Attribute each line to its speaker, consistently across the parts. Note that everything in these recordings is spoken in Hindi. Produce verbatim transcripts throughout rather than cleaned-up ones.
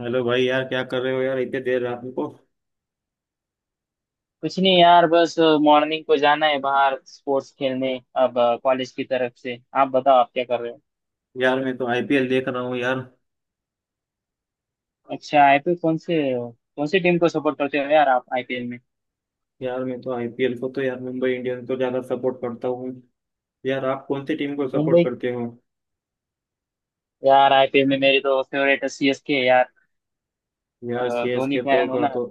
Speaker 1: हेलो भाई, यार क्या कर रहे हो यार इतने देर रात को।
Speaker 2: कुछ नहीं यार, बस मॉर्निंग को जाना है बाहर स्पोर्ट्स खेलने। अब कॉलेज की तरफ से। आप बताओ, आप क्या कर रहे हो?
Speaker 1: यार मैं तो आईपीएल देख रहा हूँ यार।
Speaker 2: अच्छा, आई पी एल कौन से? कौन सी टीम को सपोर्ट करते हो यार आप आई पी एल में?
Speaker 1: यार मैं तो आईपीएल को तो यार मुंबई इंडियंस को ज्यादा सपोर्ट करता हूँ। यार आप कौन सी टीम को सपोर्ट
Speaker 2: मुंबई?
Speaker 1: करते हो।
Speaker 2: यार आई पी एल में मेरी तो फेवरेट है सी एस के यार।
Speaker 1: यार
Speaker 2: अ, धोनी
Speaker 1: सीएसके तो
Speaker 2: फैन हो
Speaker 1: का
Speaker 2: ना।
Speaker 1: तो,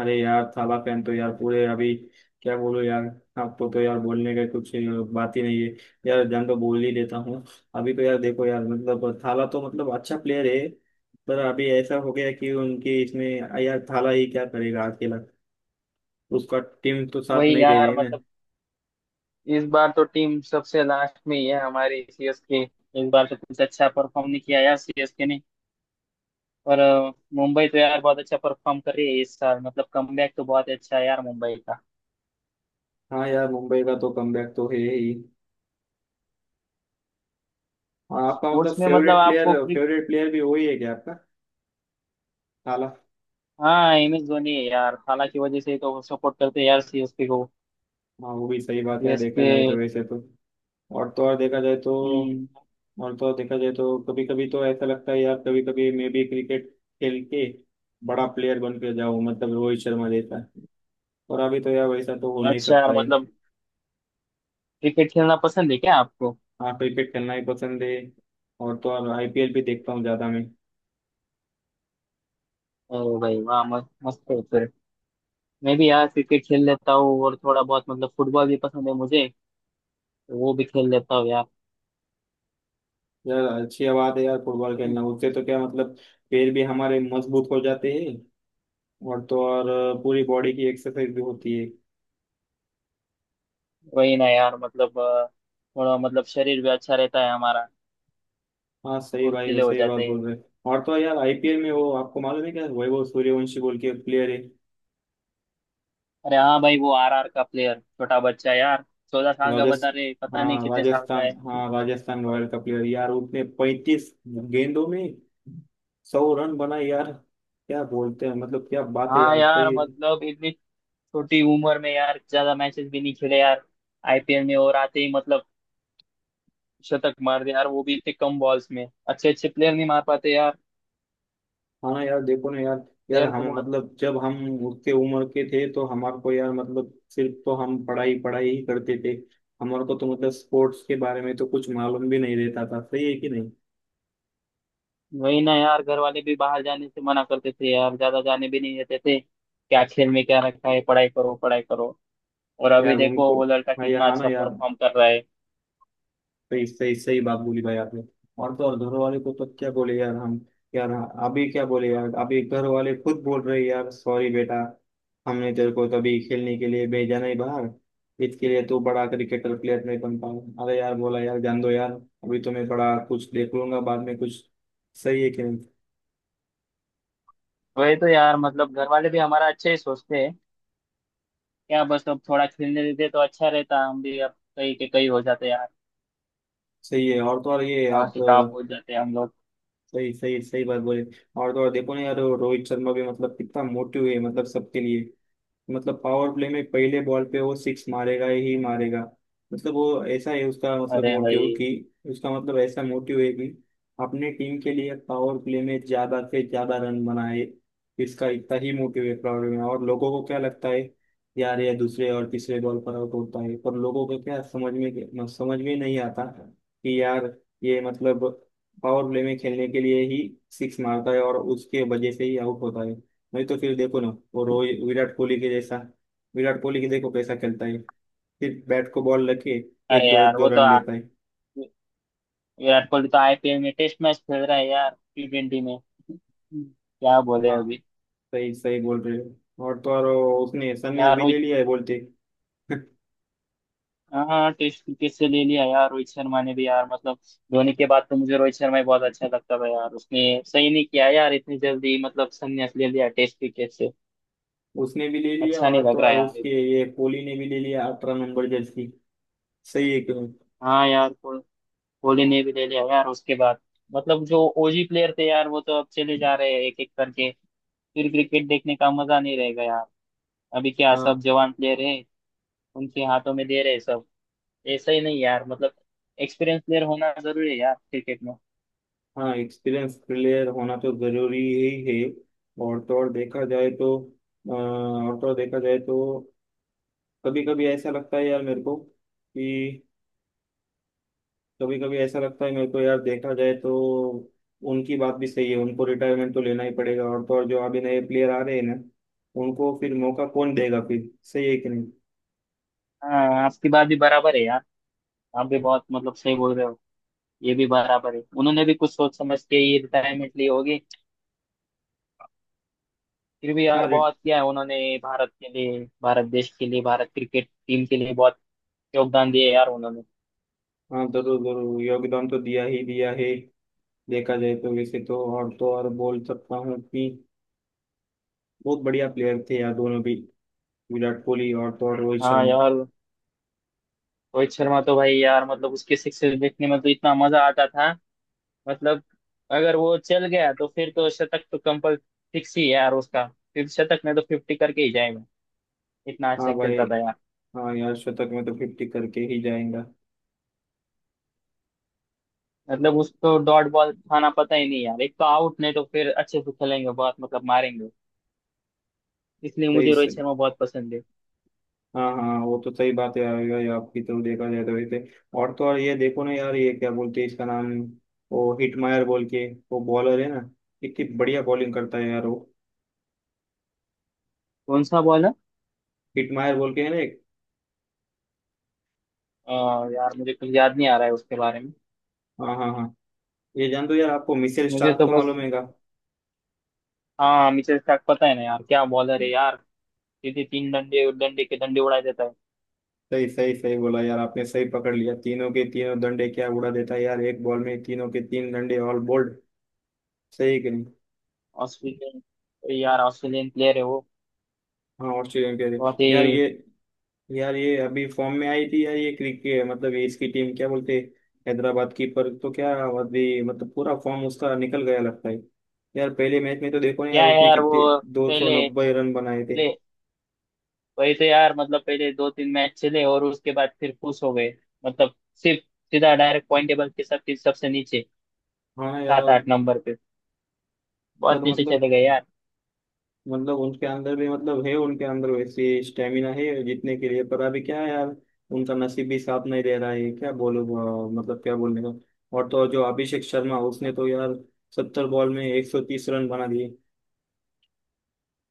Speaker 1: अरे यार थाला फैन तो यार पूरे अभी, क्या बोलूं यार। आपको तो यार बोलने का कुछ बात ही नहीं है। यार जान तो बोल ही देता हूँ। अभी तो यार देखो यार, मतलब थाला तो मतलब अच्छा प्लेयर है, पर अभी ऐसा हो गया कि उनके इसमें यार थाला ही क्या करेगा अकेला। उसका टीम तो साथ
Speaker 2: वही
Speaker 1: नहीं दे
Speaker 2: यार,
Speaker 1: रही ना।
Speaker 2: मतलब इस बार तो टीम सबसे लास्ट में ही है हमारी, सी एस के इस बार तो कुछ अच्छा परफॉर्म नहीं किया यार सी एस के ने। पर अ, मुंबई तो यार बहुत अच्छा परफॉर्म कर रही है इस साल, मतलब कमबैक तो बहुत अच्छा है यार मुंबई का।
Speaker 1: हाँ यार, मुंबई का तो कमबैक तो है ही। और आपका मतलब
Speaker 2: स्पोर्ट्स में मतलब
Speaker 1: फेवरेट प्लेयर,
Speaker 2: आपको।
Speaker 1: फेवरेट प्लेयर भी वही है क्या आपका, थाला?
Speaker 2: हाँ, एम एस धोनी है यार, खाला की वजह से ही तो सपोर्ट करते हैं यार सी एस के को।
Speaker 1: हाँ, वो भी सही बात है देखा
Speaker 2: सी एस के।
Speaker 1: जाए तो वैसे तो। और तो और देखा जाए तो, और तो और देखा जाए तो कभी कभी तो ऐसा लगता है यार, कभी कभी मैं भी क्रिकेट खेल के बड़ा प्लेयर बन के जाऊँ, मतलब रोहित शर्मा जैसा। और अभी तो यार वैसा तो हो नहीं
Speaker 2: अच्छा यार,
Speaker 1: सकता है।
Speaker 2: मतलब क्रिकेट खेलना पसंद है क्या आपको?
Speaker 1: हाँ, क्रिकेट खेलना ही पसंद है। और तो और आईपीएल भी देखता हूँ ज्यादा मैं।
Speaker 2: अरे भाई वाह! म- मस्त है फिर। मैं भी यार क्रिकेट खेल लेता हूँ और थोड़ा बहुत मतलब फुटबॉल भी पसंद है मुझे, तो वो भी खेल लेता हूँ यार।
Speaker 1: यार अच्छी बात है यार, फुटबॉल खेलना उससे तो क्या मतलब, पैर भी हमारे मजबूत हो जाते हैं। और तो और अ, पूरी बॉडी की एक्सरसाइज भी होती है।
Speaker 2: वही ना यार, मतलब अ, थोड़ा मतलब शरीर भी अच्छा रहता है हमारा,
Speaker 1: हाँ सही भाई, वो
Speaker 2: फुर्तीले हो
Speaker 1: सही बात
Speaker 2: जाते हैं।
Speaker 1: बोल रहे हैं। और तो यार आईपीएल में वो आपको मालूम है क्या, वैभव सूर्यवंशी बोल के प्लेयर है।
Speaker 2: अरे हाँ भाई, वो आर आर का प्लेयर, छोटा बच्चा यार। चौदह साल का बता
Speaker 1: राजस्थान,
Speaker 2: रहे, पता नहीं
Speaker 1: हाँ
Speaker 2: कितने साल का है।
Speaker 1: राजस्थान, हाँ राजस्थान
Speaker 2: और
Speaker 1: रॉयल का प्लेयर यार। उसने पैंतीस गेंदों में सौ रन बनाए यार, क्या बोलते हैं मतलब, क्या बात है
Speaker 2: हाँ
Speaker 1: यार,
Speaker 2: यार
Speaker 1: सही।
Speaker 2: मतलब इतनी छोटी उम्र में यार, ज्यादा मैचेस भी नहीं खेले यार आई पी एल में, और आते ही मतलब शतक मार दे यार, वो भी इतने कम बॉल्स में! अच्छे अच्छे प्लेयर नहीं मार पाते यार,
Speaker 1: हाँ यार देखो ना यार, यार
Speaker 2: प्लेयर
Speaker 1: हम
Speaker 2: तो बहुत।
Speaker 1: मतलब जब हम उतने उम्र के थे तो हमारे को यार, मतलब सिर्फ तो हम पढ़ाई पढ़ाई ही करते थे। हमारे को तो मतलब स्पोर्ट्स के बारे में तो कुछ मालूम भी नहीं रहता था, सही है कि नहीं।
Speaker 2: वही ना यार, घर वाले भी बाहर जाने से मना करते थे यार, ज्यादा जाने भी नहीं देते थे। क्या खेल में क्या रखा है, पढ़ाई करो पढ़ाई करो। और
Speaker 1: यार
Speaker 2: अभी देखो
Speaker 1: उनको,
Speaker 2: वो लड़का
Speaker 1: हाँ यार,
Speaker 2: कितना
Speaker 1: हाँ ना
Speaker 2: अच्छा
Speaker 1: यार।
Speaker 2: परफॉर्म कर रहा है।
Speaker 1: सही सही सही बात बोली भाई आपने। और तो और घर वाले को तो क्या बोले यार हम, यार अभी क्या बोले यार, अभी घर वाले खुद बोल रहे यार सॉरी बेटा, हमने तेरे को तभी खेलने के लिए भेजा नहीं बाहर, इसके लिए तू बड़ा क्रिकेटर प्लेयर नहीं बन पाया। अरे यार, बोला यार जान दो यार, अभी तो मैं थोड़ा कुछ देख लूंगा बाद में कुछ, सही है कि नहीं।
Speaker 2: वही तो यार, मतलब घर वाले भी हमारा अच्छा ही सोचते हैं क्या, बस अब थोड़ा खेलने देते तो अच्छा रहता, हम भी अब कहीं के कहीं हो जाते यार,
Speaker 1: सही है। और तो और ये
Speaker 2: कहाँ
Speaker 1: आप
Speaker 2: से कहाँ
Speaker 1: अ,
Speaker 2: पहुंच जाते हम लोग।
Speaker 1: सही सही सही बात बोले। और तो और देखो ना यार, रोहित शर्मा भी मतलब कितना मोटिव है मतलब सबके लिए। मतलब पावर प्ले में पहले बॉल पे वो सिक्स मारेगा ही मारेगा। मतलब वो ऐसा है उसका मतलब
Speaker 2: अरे भाई!
Speaker 1: मोटिव कि, उसका मतलब ऐसा मोटिव है कि अपने टीम के लिए पावर प्ले में ज्यादा से ज्यादा रन बनाए। इसका इतना ही मोटिव है पावर में, और लोगों को क्या लगता है यार, ये दूसरे और तीसरे बॉल पर आउट होता है। पर लोगों को क्या समझ में, मतलब समझ में नहीं आता कि यार, ये मतलब पावर प्ले में खेलने के लिए ही सिक्स मारता है, और उसके वजह से ही आउट होता है। नहीं तो फिर देखो ना, वो रोहित विराट कोहली के जैसा, विराट कोहली के देखो कैसा खेलता है, फिर बैट को बॉल लगे एक
Speaker 2: अरे
Speaker 1: दो एक
Speaker 2: यार
Speaker 1: दो
Speaker 2: वो तो
Speaker 1: रन
Speaker 2: आ,
Speaker 1: लेता है।
Speaker 2: विराट कोहली तो आई पी एल में टेस्ट मैच खेल रहा है यार, टी ट्वेंटी में। क्या बोले
Speaker 1: हाँ
Speaker 2: अभी?
Speaker 1: सही सही बोल रहे हो। और तो और वो उसने संन्यास
Speaker 2: यार
Speaker 1: भी ले
Speaker 2: रोहित।
Speaker 1: लिया है बोलते।
Speaker 2: हाँ, टेस्ट क्रिकेट से ले लिया यार रोहित शर्मा ने भी यार, मतलब धोनी के बाद तो मुझे रोहित शर्मा ही बहुत अच्छा लगता था यार, उसने सही नहीं किया यार, इतनी जल्दी मतलब संन्यास ले लिया टेस्ट क्रिकेट से।
Speaker 1: उसने भी ले लिया,
Speaker 2: अच्छा नहीं
Speaker 1: और तो
Speaker 2: लग रहा
Speaker 1: और
Speaker 2: यार।
Speaker 1: उसके ये कोहली ने भी ले लिया अठारह नंबर जर्सी। सही है क्यों।
Speaker 2: हाँ यार, को- कोहली ने भी ले लिया यार उसके बाद। मतलब जो ओ जी प्लेयर थे यार, वो तो अब चले जा रहे हैं एक एक करके। फिर क्रिकेट देखने का मजा नहीं रहेगा यार। अभी क्या, सब
Speaker 1: हाँ
Speaker 2: जवान प्लेयर है, उनके हाथों में दे रहे हैं सब। ऐसा ही नहीं यार, मतलब एक्सपीरियंस प्लेयर होना जरूरी है यार क्रिकेट में।
Speaker 1: हाँ, एक्सपीरियंस प्लेयर होना तो जरूरी ही है। और तो और देखा जाए तो, अ, और तो और देखा जाए तो कभी कभी ऐसा लगता है यार मेरे को कि, कभी कभी ऐसा लगता है मेरे को यार, देखा जाए तो उनकी बात भी सही है, उनको रिटायरमेंट तो लेना ही पड़ेगा। और तो और जो अभी नए प्लेयर आ रहे हैं ना, उनको फिर मौका कौन देगा फिर, सही है कि नहीं।
Speaker 2: हाँ, आपकी बात भी बराबर है यार, आप भी बहुत मतलब सही बोल रहे हो। ये भी बराबर है, उन्होंने भी कुछ सोच समझ के ये रिटायरमेंट ली होगी। फिर भी
Speaker 1: हाँ
Speaker 2: यार
Speaker 1: रिट
Speaker 2: बहुत किया है उन्होंने, भारत के लिए, भारत देश के लिए, भारत क्रिकेट टीम के लिए बहुत योगदान दिए यार उन्होंने।
Speaker 1: हाँ जरूर जरूर योगदान तो दिया ही दिया है। देखा जाए तो वैसे तो और तो और बोल सकता हूँ कि बहुत बढ़िया प्लेयर थे यार दोनों भी, विराट कोहली और तो और रोहित
Speaker 2: हाँ
Speaker 1: शर्मा।
Speaker 2: यार, रोहित शर्मा तो भाई यार मतलब उसके सिक्स देखने में तो इतना मजा आता था मतलब, अगर वो चल गया तो फिर तो शतक तो कंपल फिक्स ही है यार उसका। फिर शतक नहीं तो फिफ्टी करके ही जाएगा, इतना
Speaker 1: हाँ
Speaker 2: अच्छा
Speaker 1: भाई,
Speaker 2: खेलता था यार।
Speaker 1: हाँ यार शतक में तो फिफ्टी करके ही जाएगा।
Speaker 2: मतलब उसको डॉट बॉल खाना पता ही नहीं यार, एक तो आउट नहीं तो फिर अच्छे से खेलेंगे, बहुत मतलब मारेंगे। इसलिए मुझे रोहित
Speaker 1: सही।
Speaker 2: शर्मा बहुत पसंद है।
Speaker 1: हाँ हाँ, वो तो सही बात है यार, ये आपकी तो देखा जाए तो वैसे। और तो और ये देखो ना यार, ये क्या बोलते हैं इसका नाम, वो हिटमायर बोल के, वो बॉलर है ना, कितनी बढ़िया बॉलिंग करता है यार वो।
Speaker 2: कौन सा बॉल है?
Speaker 1: हिटमायर बोल के है ना एक।
Speaker 2: अ, यार मुझे कुछ याद नहीं आ रहा है उसके बारे में।
Speaker 1: हाँ हाँ हाँ, ये जान दो यार, आपको मिचेल
Speaker 2: मुझे
Speaker 1: स्टार्क
Speaker 2: तो
Speaker 1: को
Speaker 2: बस।
Speaker 1: मालूम है क्या।
Speaker 2: हाँ, मिचेल स्टार्क पता है ना यार, क्या बॉलर है यार! सीधे तीन डंडे, डंडे के डंडे उड़ा देता है।
Speaker 1: सही सही सही बोला यार आपने, सही पकड़ लिया, तीनों के तीनों डंडे क्या उड़ा देता है यार, एक बॉल में तीनों के तीन डंडे ऑल बोल्ड, सही कि नहीं।
Speaker 2: ऑस्ट्रेलियन यार, ऑस्ट्रेलियन प्लेयर है वो,
Speaker 1: हाँ ऑस्ट्रेलियन के लिए।
Speaker 2: बहुत
Speaker 1: यार
Speaker 2: ही।
Speaker 1: ये यार ये अभी फॉर्म में आई थी यार, ये क्रिकेट मतलब ये इसकी टीम क्या बोलते हैं, हैदराबाद की, पर तो क्या, अभी मतलब पूरा फॉर्म उसका निकल गया लगता है यार। पहले मैच में तो देखो ना यार,
Speaker 2: क्या
Speaker 1: उसने
Speaker 2: यार
Speaker 1: कितने
Speaker 2: वो
Speaker 1: दो सौ
Speaker 2: पहले
Speaker 1: नब्बे रन बनाए थे।
Speaker 2: पहले वही तो यार, मतलब पहले दो तीन मैच चले और उसके बाद फिर खुश हो गए मतलब, सिर्फ सीधा डायरेक्ट पॉइंट टेबल के सब सबसे नीचे,
Speaker 1: हाँ
Speaker 2: सात
Speaker 1: यार,
Speaker 2: आठ नंबर पे, बहुत
Speaker 1: पर
Speaker 2: नीचे
Speaker 1: मतलब,
Speaker 2: चले गए यार।
Speaker 1: मतलब उनके अंदर भी मतलब है, उनके अंदर वैसे स्टेमिना है जीतने के लिए, पर अभी क्या है यार, उनका नसीब भी साथ नहीं दे रहा है, क्या बोलो, अ, मतलब क्या बोलने का। और तो और जो अभिषेक शर्मा, उसने तो यार सत्तर बॉल में एक सौ तीस रन बना दिए।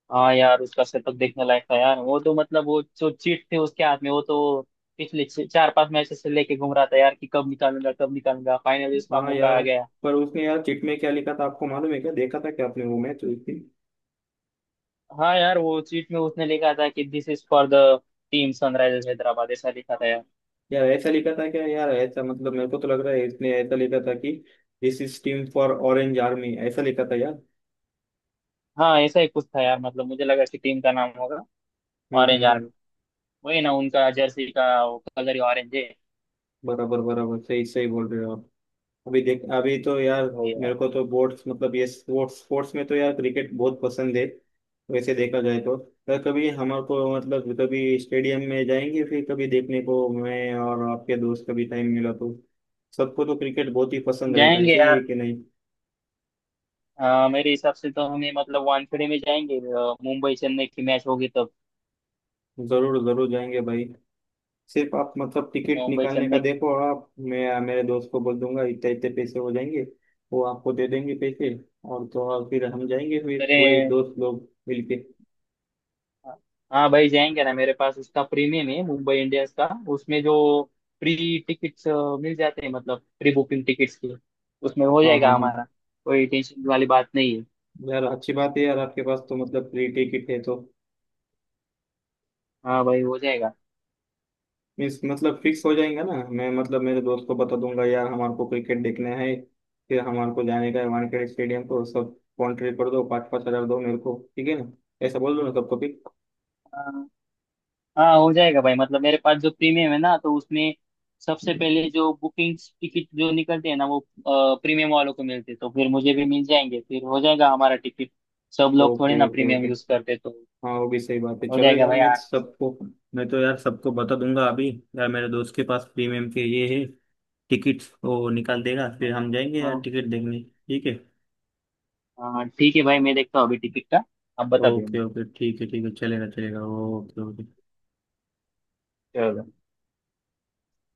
Speaker 2: हाँ यार, उसका शतक देखने लायक था यार वो तो, मतलब वो जो चीट थे उसके हाथ में, वो तो पिछले छ- चार पांच मैच से लेके घूम रहा था यार कि कब निकालूंगा कब निकालूंगा, फाइनली उसका
Speaker 1: हाँ
Speaker 2: मौका
Speaker 1: यार,
Speaker 2: आ गया।
Speaker 1: पर उसने यार चिट में क्या लिखा था आपको मालूम है क्या, देखा था क्या आपने वो मैच उस दिन।
Speaker 2: हाँ यार वो चीट में उसने लिखा था कि "this is for the team Sunrisers Hyderabad", ऐसा लिखा था।
Speaker 1: यार ऐसा लिखा था क्या यार, ऐसा, मतलब मेरे को तो लग रहा है इसने ऐसा लिखा था कि this is team for orange army, ऐसा लिखा था यार।
Speaker 2: हाँ, ऐसा ही कुछ था यार, मतलब मुझे लगा कि टीम का नाम होगा
Speaker 1: हम्म
Speaker 2: ऑरेंज
Speaker 1: हम्म हम्म।
Speaker 2: आर्मी, वही ना उनका जर्सी का वो कलर ही ऑरेंज है,
Speaker 1: बराबर बराबर, सही सही बोल रहे हो आप। अभी देख अभी तो यार
Speaker 2: वही है।
Speaker 1: मेरे को तो बोर्ड्स, मतलब ये स्पोर्ट्स, स्पोर्ट्स में तो यार क्रिकेट बहुत पसंद है वैसे देखा जाए तो। पर कभी हमारे को मतलब, कभी स्टेडियम में जाएंगे फिर कभी देखने को, मैं और आपके दोस्त, कभी टाइम मिला तो, सबको तो क्रिकेट बहुत ही पसंद रहता है,
Speaker 2: जाएंगे
Speaker 1: सही है
Speaker 2: यार।
Speaker 1: कि नहीं।
Speaker 2: अ, मेरे हिसाब से तो हमें मतलब वानखेड़े में जाएंगे, अ, मुंबई चेन्नई की मैच होगी तब।
Speaker 1: जरूर जरूर जाएंगे भाई। सिर्फ आप मतलब टिकट
Speaker 2: मुंबई
Speaker 1: निकालने का
Speaker 2: चेन्नई की।
Speaker 1: देखो, आप, मैं मेरे दोस्त को बोल दूंगा इतने इतने पैसे हो जाएंगे, वो आपको दे देंगे पैसे। और तो और फिर हम जाएंगे फिर पूरे
Speaker 2: अरे
Speaker 1: दोस्त लोग मिलके।
Speaker 2: हाँ भाई, जाएंगे ना, मेरे पास उसका प्रीमियम है मुंबई इंडियंस का, उसमें जो प्री टिकट्स मिल जाते हैं, मतलब प्री बुकिंग टिकट्स की, उसमें हो
Speaker 1: हाँ
Speaker 2: जाएगा
Speaker 1: हाँ हाँ,
Speaker 2: हमारा, कोई टेंशन वाली बात नहीं है।
Speaker 1: यार अच्छी बात है यार, आपके पास तो मतलब फ्री टिकट है तो,
Speaker 2: हाँ भाई हो जाएगा।
Speaker 1: मीन्स मतलब फिक्स हो जाएगा ना। मैं मतलब मेरे दोस्त को बता दूंगा यार हमारे को क्रिकेट देखना है, फिर हमारे को जाने का है वानखेड़े स्टेडियम को। सब कॉन्ट्री कर दो, पाँच पाँच हजार दो मेरे को, ठीक है ना, ऐसा बोल दो ना सबको भी।
Speaker 2: हाँ, हो जाएगा भाई, मतलब मेरे पास जो प्रीमियम है ना तो उसमें सबसे पहले जो बुकिंग टिकट जो निकलते हैं ना, वो प्रीमियम वालों को मिलते हैं, तो फिर मुझे भी मिल जाएंगे, फिर हो जाएगा हमारा टिकट। सब लोग थोड़ी
Speaker 1: ओके
Speaker 2: ना
Speaker 1: ओके
Speaker 2: प्रीमियम
Speaker 1: ओके,
Speaker 2: यूज करते तो।
Speaker 1: हाँ वो भी सही बात है।
Speaker 2: हो
Speaker 1: चलो
Speaker 2: जाएगा
Speaker 1: यार
Speaker 2: भाई
Speaker 1: मैं
Speaker 2: आराम से।
Speaker 1: सबको, मैं तो यार सबको बता दूंगा अभी, यार मेरे दोस्त के पास प्रीमियम के ये है, टिकट वो निकाल देगा, फिर हम जाएंगे यार
Speaker 2: हाँ
Speaker 1: टिकट देखने, ठीक है।
Speaker 2: हाँ हाँ, ठीक है भाई, मैं देखता हूँ अभी टिकट का, आप बता दो।
Speaker 1: ओके ओके, ठीक है ठीक है, चलेगा चलेगा, ओके ओके।
Speaker 2: चलो।